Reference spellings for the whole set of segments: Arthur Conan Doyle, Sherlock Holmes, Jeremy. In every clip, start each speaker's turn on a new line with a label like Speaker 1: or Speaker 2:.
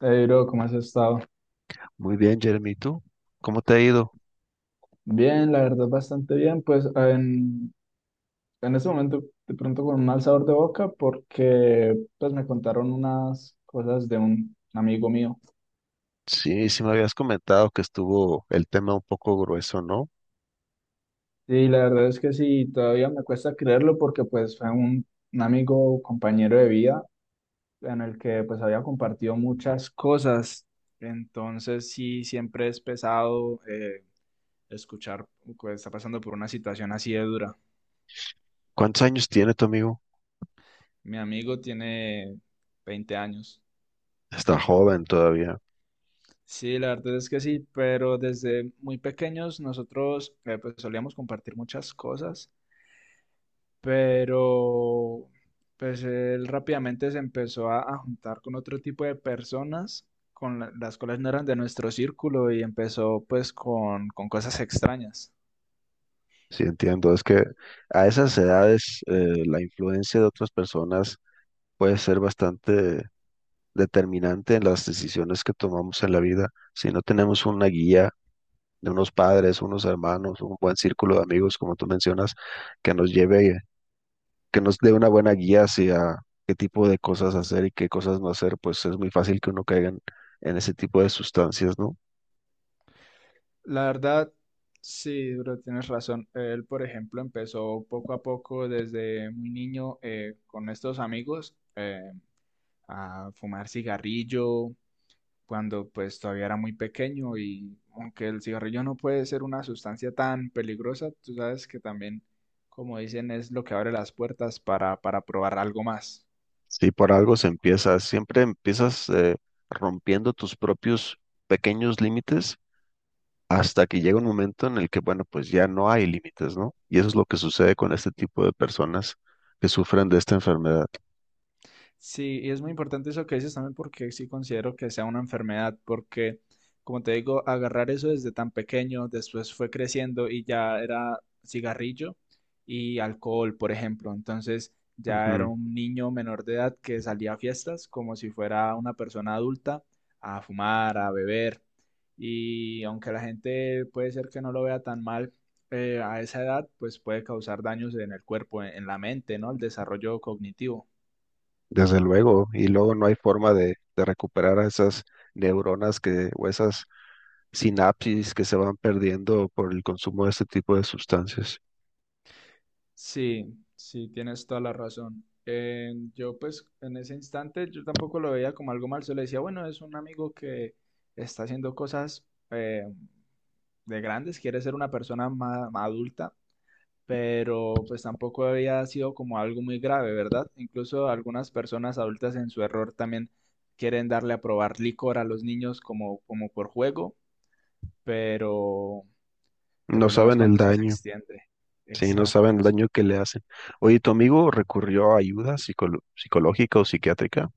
Speaker 1: Hey, bro, ¿cómo has estado?
Speaker 2: Muy bien, Jeremy, ¿y tú? ¿Cómo te ha ido?
Speaker 1: Bien, la verdad, bastante bien. En este momento, de pronto con un mal sabor de boca, porque pues me contaron unas cosas de un amigo mío.
Speaker 2: Sí, me habías comentado que estuvo el tema un poco grueso, ¿no?
Speaker 1: Y la verdad es que sí, todavía me cuesta creerlo porque pues fue un amigo, compañero de vida, en el que pues había compartido muchas cosas. Entonces sí, siempre es pesado escuchar que está pasando por una situación así de dura.
Speaker 2: ¿Cuántos años tiene tu amigo?
Speaker 1: Mi amigo tiene 20 años.
Speaker 2: Está joven todavía.
Speaker 1: Sí, la verdad es que sí, pero desde muy pequeños nosotros pues solíamos compartir muchas cosas, pero pues él rápidamente se empezó a juntar con otro tipo de personas con las cuales no eran de nuestro círculo y empezó pues con cosas extrañas.
Speaker 2: Sí, entiendo. Es que a esas edades la influencia de otras personas puede ser bastante determinante en las decisiones que tomamos en la vida. Si no tenemos una guía de unos padres, unos hermanos, un buen círculo de amigos, como tú mencionas, que nos lleve que nos dé una buena guía hacia qué tipo de cosas hacer y qué cosas no hacer, pues es muy fácil que uno caiga en ese tipo de sustancias, ¿no?
Speaker 1: La verdad, sí, bro, tienes razón. Él, por ejemplo, empezó poco a poco desde muy niño con estos amigos a fumar cigarrillo cuando pues todavía era muy pequeño, y aunque el cigarrillo no puede ser una sustancia tan peligrosa, tú sabes que también, como dicen, es lo que abre las puertas para probar algo más.
Speaker 2: Si por algo se empieza, siempre empiezas rompiendo tus propios pequeños límites hasta que llega un momento en el que, bueno, pues ya no hay límites, ¿no? Y eso es lo que sucede con este tipo de personas que sufren de esta enfermedad.
Speaker 1: Sí, y es muy importante eso que dices también porque sí considero que sea una enfermedad, porque como te digo, agarrar eso desde tan pequeño, después fue creciendo y ya era cigarrillo y alcohol, por ejemplo. Entonces ya era
Speaker 2: Ujú.
Speaker 1: un niño menor de edad que salía a fiestas como si fuera una persona adulta a fumar, a beber. Y aunque la gente puede ser que no lo vea tan mal a esa edad, pues puede causar daños en el cuerpo, en la mente, ¿no? El desarrollo cognitivo.
Speaker 2: Desde luego, y luego no hay forma de recuperar a esas neuronas o esas sinapsis que se van perdiendo por el consumo de este tipo de sustancias.
Speaker 1: Sí, sí, tienes toda la razón. Yo pues en ese instante yo tampoco lo veía como algo mal, solo decía, bueno, es un amigo que está haciendo cosas eh, de grandes, quiere ser una persona más, adulta, pero pues tampoco había sido como algo muy grave, ¿verdad? Incluso algunas personas adultas en su error también quieren darle a probar licor a los niños como, como por juego, pero el
Speaker 2: No
Speaker 1: problema es
Speaker 2: saben el
Speaker 1: cuando eso se
Speaker 2: daño,
Speaker 1: extiende.
Speaker 2: sí, no
Speaker 1: Exacto.
Speaker 2: saben el
Speaker 1: Sí.
Speaker 2: daño que le hacen. Oye, ¿tu amigo recurrió a ayuda psicológica o psiquiátrica?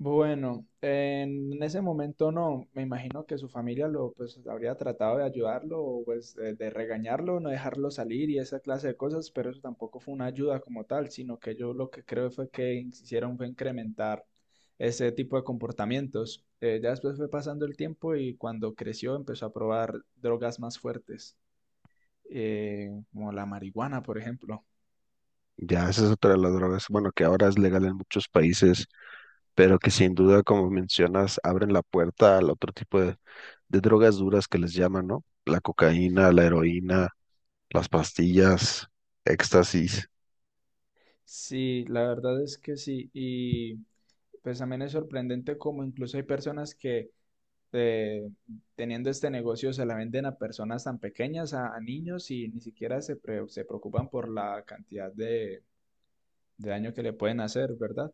Speaker 1: Bueno, en ese momento no, me imagino que su familia lo pues habría tratado de ayudarlo o pues de regañarlo, no dejarlo salir y esa clase de cosas, pero eso tampoco fue una ayuda como tal, sino que yo lo que creo fue que hicieron fue incrementar ese tipo de comportamientos. Ya después fue pasando el tiempo y cuando creció empezó a probar drogas más fuertes, como la marihuana, por ejemplo.
Speaker 2: Ya, esa es otra de las drogas, bueno, que ahora es legal en muchos países, pero que sin duda, como mencionas, abren la puerta al otro tipo de drogas duras que les llaman, ¿no? La cocaína, la heroína, las pastillas, éxtasis.
Speaker 1: Sí, la verdad es que sí. Y pues también es sorprendente como incluso hay personas que eh, teniendo este negocio se la venden a personas tan pequeñas, a niños, y ni siquiera se preocupan por la cantidad de daño que le pueden hacer, ¿verdad?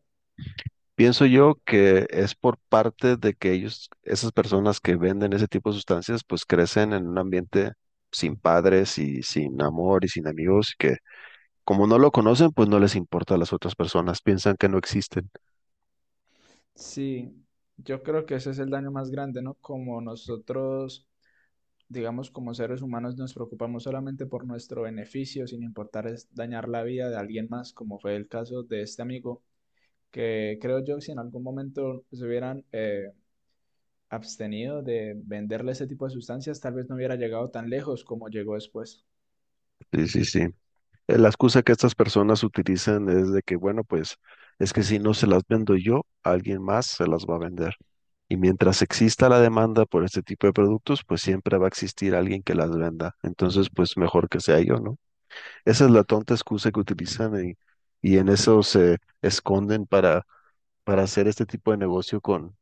Speaker 2: Pienso yo que es por parte de que ellos, esas personas que venden ese tipo de sustancias, pues crecen en un ambiente sin padres y sin amor y sin amigos, y que como no lo conocen, pues no les importa a las otras personas, piensan que no existen.
Speaker 1: Sí, yo creo que ese es el daño más grande, ¿no? Como nosotros, digamos, como seres humanos nos preocupamos solamente por nuestro beneficio, sin importar es dañar la vida de alguien más, como fue el caso de este amigo, que creo yo si en algún momento se hubieran abstenido de venderle ese tipo de sustancias, tal vez no hubiera llegado tan lejos como llegó después.
Speaker 2: Sí, sí, sí. La excusa que estas personas utilizan es de que, bueno, pues es que si no se las vendo yo, alguien más se las va a vender. Y mientras exista la demanda por este tipo de productos, pues siempre va a existir alguien que las venda. Entonces, pues mejor que sea yo, ¿no? Esa es la tonta excusa que utilizan y en eso se esconden para hacer este tipo de negocio con,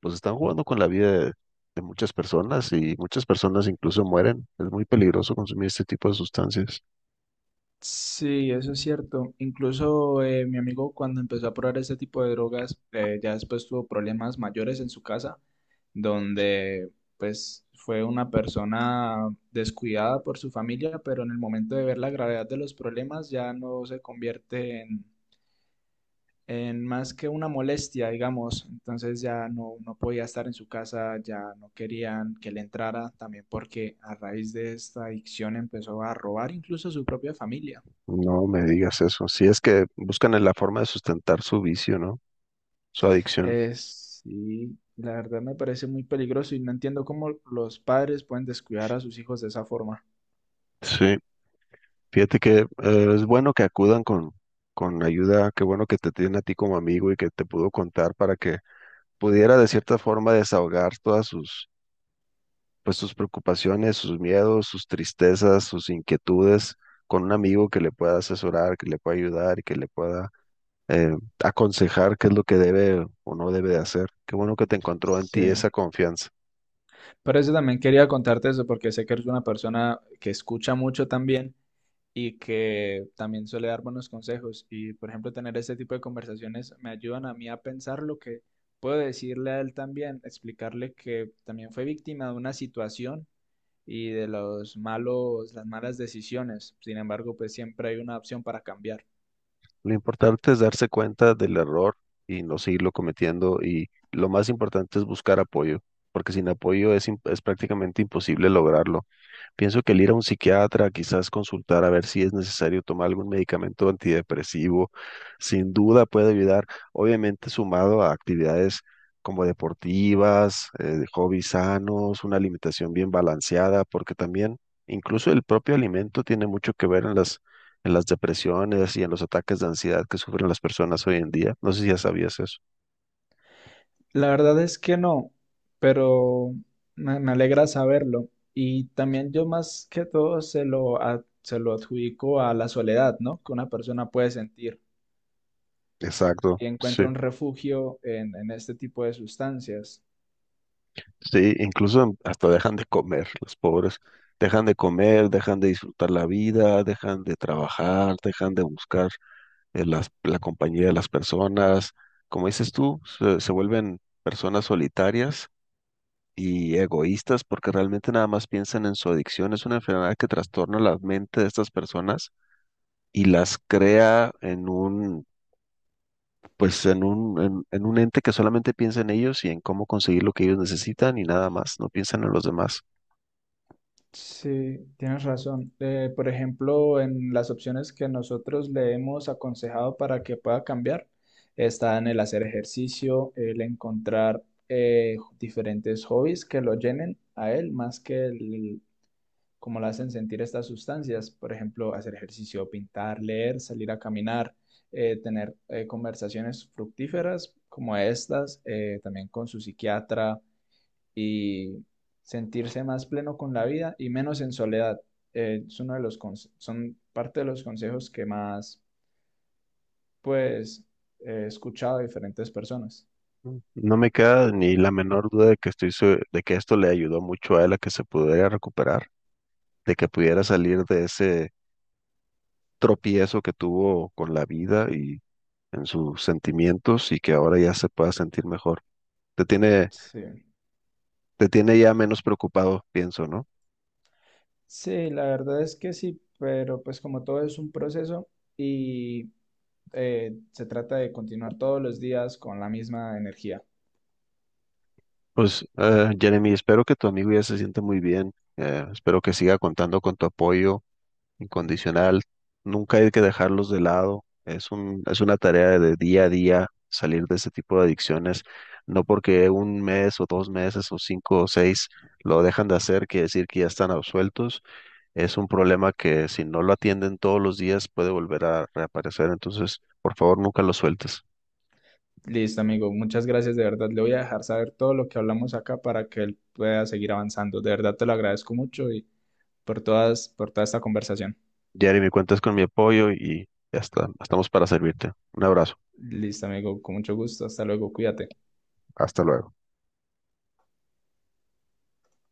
Speaker 2: pues están jugando con la vida de muchas personas y muchas personas incluso mueren. Es muy peligroso consumir este tipo de sustancias.
Speaker 1: Sí, eso es cierto. Incluso mi amigo cuando empezó a probar ese tipo de drogas, ya después tuvo problemas mayores en su casa, donde pues fue una persona descuidada por su familia, pero en el momento de ver la gravedad de los problemas ya no se convierte en más que una molestia, digamos, entonces no podía estar en su casa, ya no querían que le entrara, también porque a raíz de esta adicción empezó a robar incluso a su propia familia.
Speaker 2: No me digas eso. Si es que buscan en la forma de sustentar su vicio, ¿no? Su adicción.
Speaker 1: Sí, la verdad me parece muy peligroso y no entiendo cómo los padres pueden descuidar a sus hijos de esa forma.
Speaker 2: Sí. Fíjate que es bueno que acudan con ayuda. Qué bueno que te tienen a ti como amigo y que te pudo contar para que pudiera de cierta forma desahogar todas sus, pues, sus preocupaciones, sus miedos, sus tristezas, sus inquietudes con un amigo que le pueda asesorar, que le pueda ayudar y que le pueda eh, aconsejar qué es lo que debe o no debe de hacer. Qué bueno que te encontró en
Speaker 1: Sí,
Speaker 2: ti esa confianza.
Speaker 1: por eso también quería contarte eso, porque sé que eres una persona que escucha mucho también y que también suele dar buenos consejos. Y, por ejemplo, tener este tipo de conversaciones me ayudan a mí a pensar lo que puedo decirle a él también, explicarle que también fue víctima de una situación y de los malos, las malas decisiones. Sin embargo, pues siempre hay una opción para cambiar.
Speaker 2: Lo importante es darse cuenta del error y no seguirlo cometiendo y lo más importante es buscar apoyo, porque sin apoyo es prácticamente imposible lograrlo. Pienso que el ir a un psiquiatra, quizás consultar a ver si es necesario tomar algún medicamento antidepresivo, sin duda puede ayudar, obviamente sumado a actividades como deportivas, hobbies sanos, una alimentación bien balanceada, porque también incluso el propio alimento tiene mucho que ver en en las depresiones y en los ataques de ansiedad que sufren las personas hoy en día. No sé si ya sabías eso.
Speaker 1: La verdad es que no, pero me alegra saberlo. Y también yo más que todo se se lo adjudico a la soledad, ¿no? Que una persona puede sentir
Speaker 2: Exacto,
Speaker 1: y
Speaker 2: sí.
Speaker 1: encuentra un refugio en este tipo de sustancias.
Speaker 2: Sí, incluso hasta dejan de comer, los pobres. Dejan de comer, dejan de disfrutar la vida, dejan de trabajar, dejan de buscar la compañía de las personas. Como dices tú, se vuelven personas solitarias y egoístas porque realmente nada más piensan en su adicción. Es una enfermedad que trastorna la mente de estas personas y las crea en un, pues en un, en un ente que solamente piensa en ellos y en cómo conseguir lo que ellos necesitan y nada más, no piensan en los demás.
Speaker 1: Sí, tienes razón. Por ejemplo, en las opciones que nosotros le hemos aconsejado para que pueda cambiar, están el hacer ejercicio, el encontrar diferentes hobbies que lo llenen a él, más que el, como lo hacen sentir estas sustancias. Por ejemplo, hacer ejercicio, pintar, leer, salir a caminar, tener conversaciones fructíferas como estas, también con su psiquiatra, y sentirse más pleno con la vida y menos en soledad. Es uno de los conse- Son parte de los consejos que más, pues, he escuchado de diferentes personas.
Speaker 2: No me queda ni la menor duda de que de que esto le ayudó mucho a él a que se pudiera recuperar, de que pudiera salir de ese tropiezo que tuvo con la vida y en sus sentimientos y que ahora ya se pueda sentir mejor. Te tiene,
Speaker 1: Sí.
Speaker 2: te tiene ya menos preocupado, pienso, ¿no?
Speaker 1: Sí, la verdad es que sí, pero pues como todo es un proceso y se trata de continuar todos los días con la misma energía.
Speaker 2: Pues, Jeremy, espero que tu amigo ya se sienta muy bien. Eh, espero que siga contando con tu apoyo incondicional. Nunca hay que dejarlos de lado. Es una tarea de día a día salir de ese tipo de adicciones. No porque un mes o 2 meses o 5 o 6 lo dejan de hacer, quiere decir que ya están absueltos. Es un problema que si no lo atienden todos los días puede volver a reaparecer. Entonces, por favor, nunca lo sueltes.
Speaker 1: Listo, amigo, muchas gracias, de verdad. Le voy a dejar saber todo lo que hablamos acá para que él pueda seguir avanzando. De verdad te lo agradezco mucho y por toda esta conversación.
Speaker 2: Jeremy, cuentas con mi apoyo y ya está. Estamos para servirte. Un abrazo.
Speaker 1: Listo, amigo, con mucho gusto. Hasta luego, cuídate.
Speaker 2: Hasta luego.